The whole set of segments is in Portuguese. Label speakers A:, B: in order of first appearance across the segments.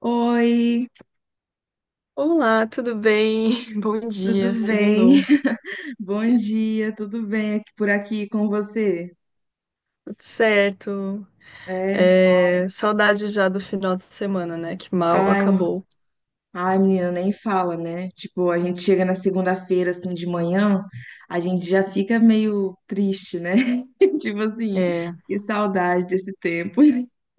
A: Oi,
B: Olá, tudo bem? Bom dia,
A: tudo bem?
B: segundou.
A: Bom dia, tudo bem aqui por aqui com você?
B: Tudo certo.
A: É,
B: É, saudade já do final de semana, né? Que mal
A: ai, m-
B: acabou.
A: Ai, menina, nem fala, né? Tipo, a gente chega na segunda-feira assim de manhã, a gente já fica meio triste, né? Tipo assim,
B: É.
A: que saudade desse tempo.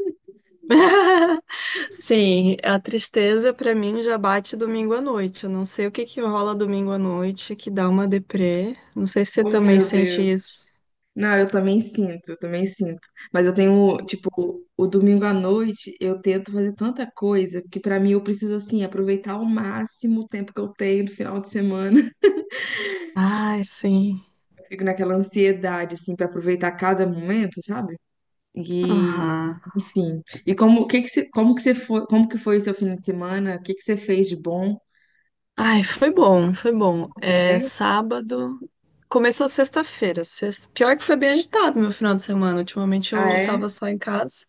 B: Sim, a tristeza pra mim já bate domingo à noite. Eu não sei o que que rola domingo à noite que dá uma deprê. Não sei se você
A: Oh,
B: também
A: meu
B: sente
A: Deus.
B: isso.
A: Não, eu também sinto. Mas eu tenho, tipo, o domingo à noite eu tento fazer tanta coisa, porque pra mim eu preciso, assim, aproveitar ao máximo o tempo que eu tenho no final de semana.
B: Ai, sim.
A: Fico naquela ansiedade, assim, para aproveitar cada momento, sabe? E,
B: Aham.
A: Enfim. E como, o que que você, como que você foi, como que foi o seu fim de semana? O que que você fez de bom?
B: Ai, foi bom, foi bom. É,
A: É?
B: sábado. Começou sexta-feira. Pior que foi bem agitado meu final de semana. Ultimamente
A: Ah,
B: eu
A: é?
B: tava só em casa.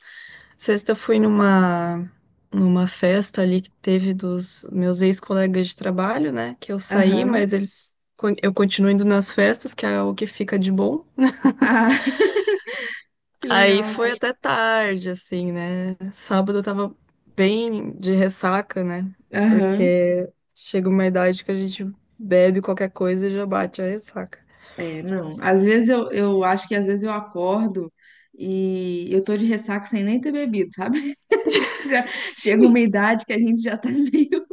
B: Sexta eu fui numa, numa festa ali que teve dos meus ex-colegas de trabalho, né? Que eu saí,
A: Aham.
B: mas eu continuo indo nas festas, que é o que fica de bom.
A: Ah, que
B: Aí
A: legal.
B: foi até tarde, assim, né? Sábado eu tava bem de ressaca, né?
A: Aham.
B: Porque chega uma idade que a gente bebe qualquer coisa e já bate a ressaca.
A: É, não. Às vezes eu acho que às vezes eu acordo e eu tô de ressaca sem nem ter bebido, sabe? Já chega uma idade que a gente já tá meio,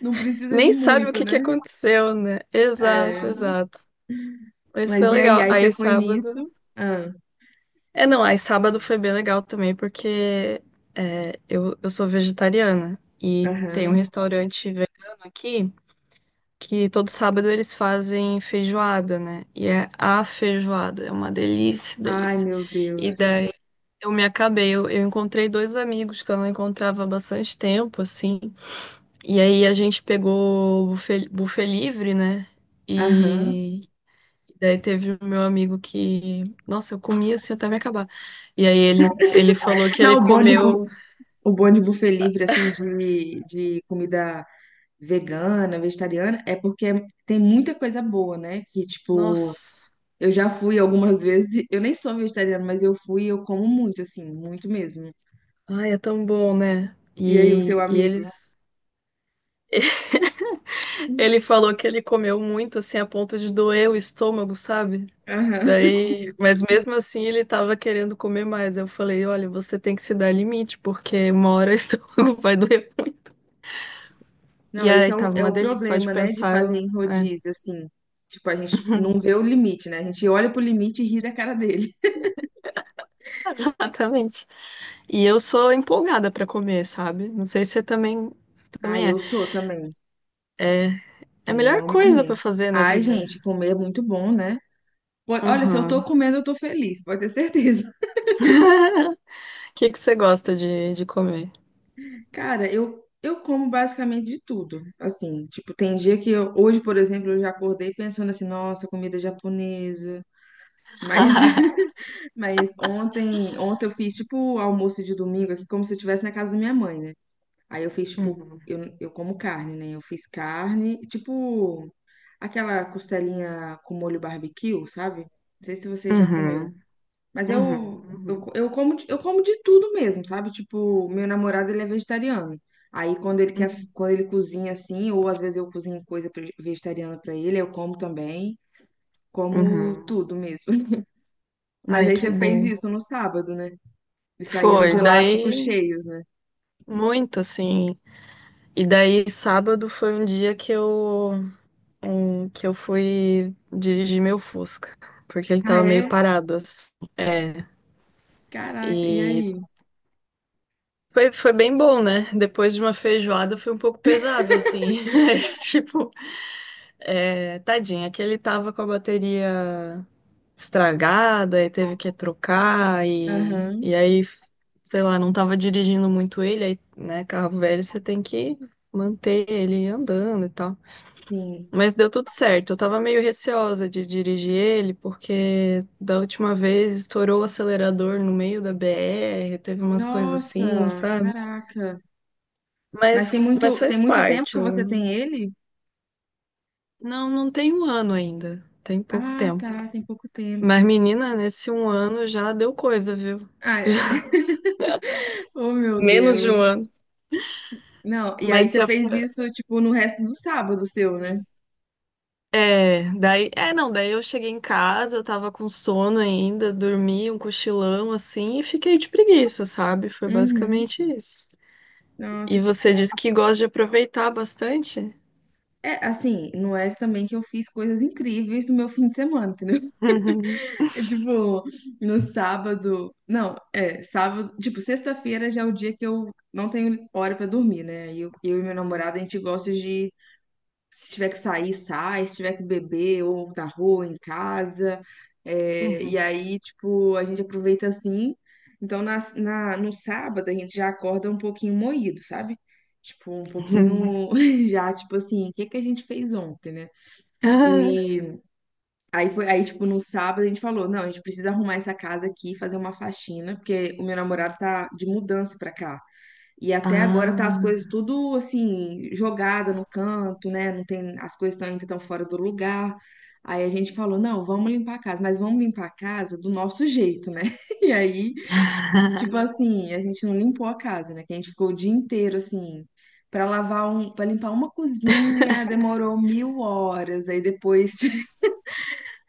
A: não precisa de
B: Nem sabe o
A: muito,
B: que que
A: né?
B: aconteceu, né?
A: É.
B: Exato, exato. Mas foi
A: Mas e aí?
B: legal.
A: Aí você
B: Aí
A: foi nisso?
B: sábado.
A: Ah,
B: É, não, aí sábado foi bem legal também, porque é, eu sou vegetariana e tem um
A: aham.
B: restaurante vegano aqui que todo sábado eles fazem feijoada, né? E é a feijoada, é uma delícia,
A: Ai,
B: delícia.
A: meu
B: E
A: Deus.
B: daí eu me acabei, eu encontrei dois amigos que eu não encontrava há bastante tempo, assim. E aí a gente pegou o buffet livre, né?
A: Aham.
B: E daí teve o meu amigo que, nossa, eu comia assim até me acabar. E aí ele falou que ele
A: Não,
B: comeu,
A: o bom de buffet livre, assim, de comida vegana, vegetariana, é porque tem muita coisa boa, né? Que, tipo,
B: nossa,
A: eu já fui algumas vezes, eu nem sou vegetariana, mas eu fui e eu como muito, assim, muito mesmo.
B: ai, é tão bom, né?
A: E aí, o seu
B: E
A: amigo?
B: eles, ele falou que ele comeu muito assim a ponto de doer o estômago, sabe?
A: Aham.
B: Daí, mas mesmo assim ele tava querendo comer mais. Eu falei, olha, você tem que se dar limite, porque uma hora o estômago vai doer. E
A: Não,
B: aí tava
A: é
B: uma
A: o
B: delícia só de
A: problema, né, de
B: pensar.
A: fazer em rodízio, assim. Tipo, a gente não vê o limite, né? A gente olha pro limite e ri da cara dele.
B: Exatamente. E eu sou empolgada pra comer, sabe? Não sei se você também,
A: Ah,
B: também é.
A: eu sou também.
B: É a
A: É, eu
B: melhor
A: amo
B: coisa
A: comer.
B: pra fazer na
A: Ai,
B: vida.
A: gente, comer é muito bom, né? Po- Olha, se eu tô
B: Uhum.
A: comendo, eu tô feliz, pode ter certeza.
B: O que que você gosta de comer?
A: Cara, eu como basicamente de tudo. Assim, tipo, tem dia que eu, hoje, por exemplo, eu já acordei pensando assim, nossa, comida japonesa. Mas, mas ontem eu fiz, tipo, almoço de domingo aqui, como se eu estivesse na casa da minha mãe, né? Aí eu fiz, tipo,
B: Uhum.
A: eu como carne, né? Eu fiz carne, tipo, aquela costelinha com molho barbecue, sabe? Não sei se você já comeu.
B: Uhum.
A: Mas
B: Uhum. Uhum.
A: eu como de tudo mesmo, sabe? Tipo, meu namorado, ele é vegetariano. Aí,
B: Uhum.
A: quando ele cozinha assim, ou às vezes eu cozinho coisa pre- vegetariana pra ele, eu como também. Como
B: Uhum.
A: tudo mesmo. Mas
B: Ai,
A: aí
B: que
A: você fez
B: bom.
A: isso no sábado, né? E saíram
B: Foi.
A: de lá, tipo,
B: Daí,
A: cheios, né?
B: muito assim. E daí, sábado foi um dia que eu fui dirigir meu Fusca, porque ele
A: Ah,
B: tava meio
A: é?
B: parado, assim. É,
A: Caraca, e
B: e
A: aí?
B: foi, foi bem bom, né? Depois de uma feijoada foi um pouco pesado, assim. Mas, tipo, é, tadinho, é que ele tava com a bateria estragada e teve que trocar,
A: Aham,
B: sei lá, não tava dirigindo muito ele, aí, né? Carro velho, você tem que manter ele andando e tal.
A: sim.
B: Mas deu tudo certo. Eu tava meio receosa de dirigir ele, porque da última vez estourou o acelerador no meio da BR, teve umas coisas assim,
A: Nossa,
B: sabe?
A: caraca. Mas
B: Mas, mas
A: tem
B: faz
A: muito tempo
B: parte.
A: que você tem ele?
B: Não, não tem 1 ano ainda, tem pouco
A: Ah,
B: tempo.
A: tá, tem pouco
B: Mas,
A: tempo.
B: menina, nesse 1 ano já deu coisa, viu?
A: Ah, é. Oh, meu
B: Menos de
A: Deus.
B: 1 ano.
A: Não, e aí
B: Mas
A: você
B: se a-
A: fez isso, tipo, no resto do sábado seu, né?
B: é, daí, é, não, daí eu cheguei em casa, eu tava com sono ainda, dormi um cochilão assim e fiquei de preguiça, sabe? Foi
A: Uhum.
B: basicamente isso. E
A: Nossa, que
B: você
A: top.
B: diz que gosta de aproveitar bastante?
A: É, assim, não é também que eu fiz coisas incríveis no meu fim de semana, entendeu? É tipo, no sábado. Não, é, sábado. Tipo, sexta-feira já é o dia que eu não tenho hora pra dormir, né? E eu e meu namorado, a gente gosta de. Se tiver que sair, sai. Se tiver que beber, ou na rua, em casa.
B: Uhum,
A: É,
B: uhum,
A: e aí, tipo, a gente aproveita assim. Então, no sábado, a gente já acorda um pouquinho moído, sabe? Tipo, um
B: uhum.
A: pouquinho já, tipo assim, o que que a gente fez ontem, né?
B: Ah.
A: E aí foi, aí, tipo, no sábado a gente falou, não, a gente precisa arrumar essa casa aqui, fazer uma faxina, porque o meu namorado tá de mudança pra cá. E até agora tá as coisas tudo assim, jogada no canto, né? Não tem, as coisas estão ainda tão fora do lugar. Aí a gente falou, não, vamos limpar a casa, mas vamos limpar a casa do nosso jeito, né? E aí,
B: ah.
A: tipo assim, a gente não limpou a casa, né? Que a gente ficou o dia inteiro assim, para limpar uma cozinha, demorou mil horas. Aí depois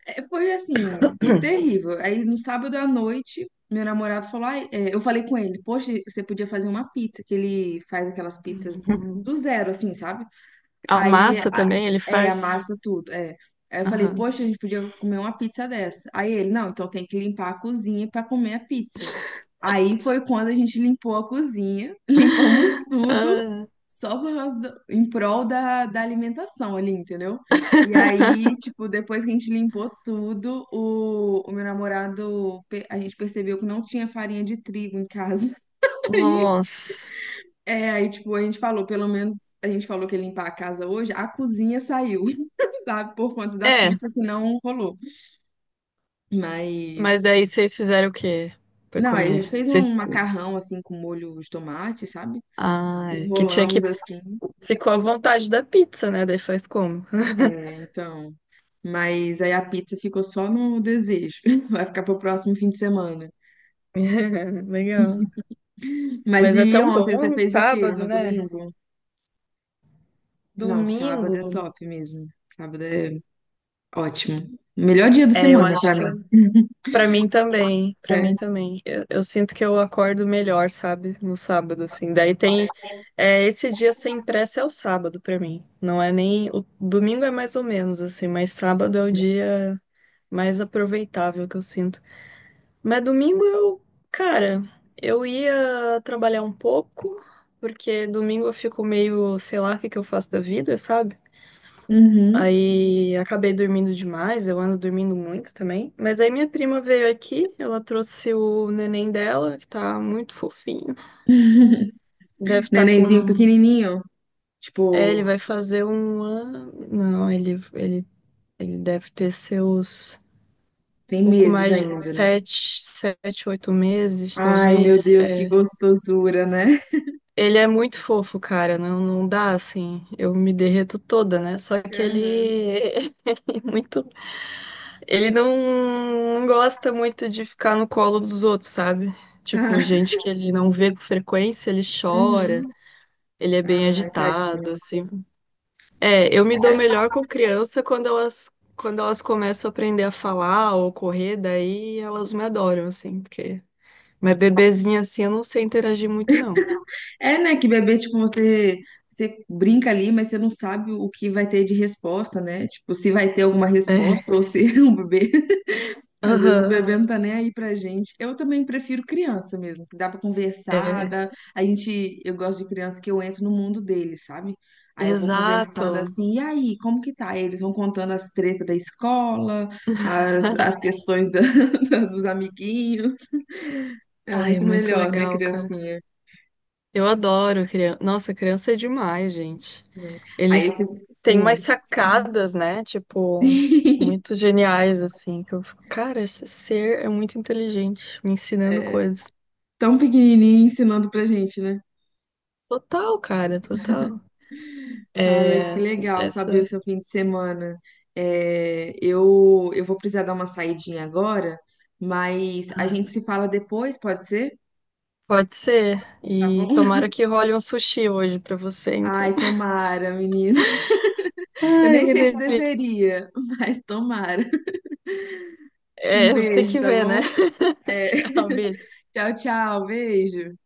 A: é, foi assim, foi terrível. Aí no sábado à noite, meu namorado falou, ai, é, eu falei com ele, poxa, você podia fazer uma pizza, que ele faz aquelas pizzas
B: Uhum.
A: do zero, assim, sabe?
B: A
A: Aí,
B: massa
A: a-
B: também ele
A: é, a
B: faz?
A: massa tudo, é. Aí eu falei,
B: Aham.
A: poxa, a gente podia comer uma pizza dessa. Aí ele, não, então tem que limpar a cozinha para comer a pizza. Aí foi quando a gente limpou a cozinha, limpamos tudo,
B: Ah,
A: só por causa do- em prol da, da alimentação ali, entendeu? E aí, tipo, depois que a gente limpou tudo, o meu namorado, pe- a gente percebeu que não tinha farinha de trigo em casa.
B: nossa.
A: É, aí, tipo, a gente falou, pelo menos a gente falou que ia limpar a casa hoje, a cozinha saiu, sabe? Por conta da
B: É,
A: pizza que não rolou.
B: mas
A: Mas,
B: daí vocês fizeram o quê pra
A: não, aí a
B: comer?
A: gente fez um
B: Vocês...
A: macarrão, assim, com molho de tomate, sabe?
B: Ah, é que tinha que...
A: Enrolamos, assim.
B: Ficou à vontade da pizza, né? Daí faz como?
A: É, então. Mas aí a pizza ficou só no desejo. Vai ficar pro próximo fim de semana.
B: Legal.
A: Mas
B: Mas é
A: e
B: tão
A: ontem você
B: bom um
A: fez o quê?
B: sábado,
A: No
B: né?
A: domingo? Não, sábado
B: Domingo.
A: é top mesmo. Sábado é ótimo. Melhor dia da
B: É, eu
A: semana
B: acho
A: pra
B: que
A: mim.
B: eu Pra mim também, pra
A: É.
B: mim também. Eu sinto que eu acordo melhor, sabe? No sábado, assim. Daí tem. É, esse dia sem pressa é o sábado pra mim. Não é nem. O domingo é mais ou menos, assim, mas sábado é o dia mais aproveitável que eu sinto. Mas domingo eu. Cara, eu ia trabalhar um pouco, porque domingo eu fico meio, sei lá, o que que eu faço da vida, sabe?
A: Uhum.
B: Aí acabei dormindo demais, eu ando dormindo muito também. Mas aí minha prima veio aqui, ela trouxe o neném dela, que tá muito fofinho. Deve estar
A: Nenenzinho
B: com.
A: pequenininho,
B: É,
A: tipo,
B: ele vai fazer 1 ano. Não, ele deve ter seus
A: tem
B: pouco
A: meses
B: mais de
A: ainda, né?
B: oito meses,
A: Ai, meu
B: talvez.
A: Deus, que
B: É.
A: gostosura, né?
B: Ele é muito fofo, cara. Não, não dá assim. Eu me derreto toda, né? Só que
A: Aham.
B: ele é muito. Ele não gosta muito de ficar no colo dos outros, sabe? Tipo,
A: Ah,
B: gente que ele não vê com frequência, ele chora,
A: uhum.
B: ele é bem
A: Ai,
B: agitado,
A: tadinho.
B: assim. É, eu me dou melhor com criança quando elas começam a aprender a falar ou correr, daí elas me adoram, assim, porque. Mas bebezinha assim, eu não sei interagir muito, não.
A: É, né, que bebê, tipo, você brinca ali, mas você não sabe o que vai ter de resposta, né? Tipo, se vai ter alguma
B: É,
A: resposta ou se é um bebê. Às vezes o
B: aham,
A: bebê não tá nem aí pra gente. Eu também prefiro criança mesmo, que dá pra conversar,
B: é,
A: dá... A gente, eu gosto de criança que eu entro no mundo deles, sabe? Aí eu vou conversando
B: exato.
A: assim, e aí, como que tá? Aí eles vão contando as tretas da escola, as questões da- dos amiguinhos. É
B: Ai, é
A: muito
B: muito
A: melhor, né,
B: legal, cara.
A: criancinha?
B: Eu adoro criança. Nossa, criança é demais, gente.
A: Aí
B: Eles
A: esse...
B: têm
A: Hum.
B: umas sacadas, né? Tipo, muito geniais, assim, que eu fico, cara, esse ser é muito inteligente, me ensinando
A: É,
B: coisas.
A: tão pequenininho ensinando pra gente, né?
B: Total, cara, total.
A: Ah, mas que
B: É,
A: legal saber o
B: essa.
A: seu fim de semana. É, eu vou precisar dar uma saidinha agora, mas a
B: Ah,
A: gente
B: sim.
A: se fala depois, pode ser?
B: pode ser.
A: Tá
B: E
A: bom?
B: tomara que role um sushi hoje pra você, então.
A: Ai, tomara, menina. Eu
B: Ai,
A: nem
B: que
A: sei se
B: delícia.
A: deveria, mas tomara. Um
B: É, tem
A: beijo,
B: que
A: tá
B: ver, né?
A: bom? É,
B: Tchau, beijo.
A: tchau, beijo.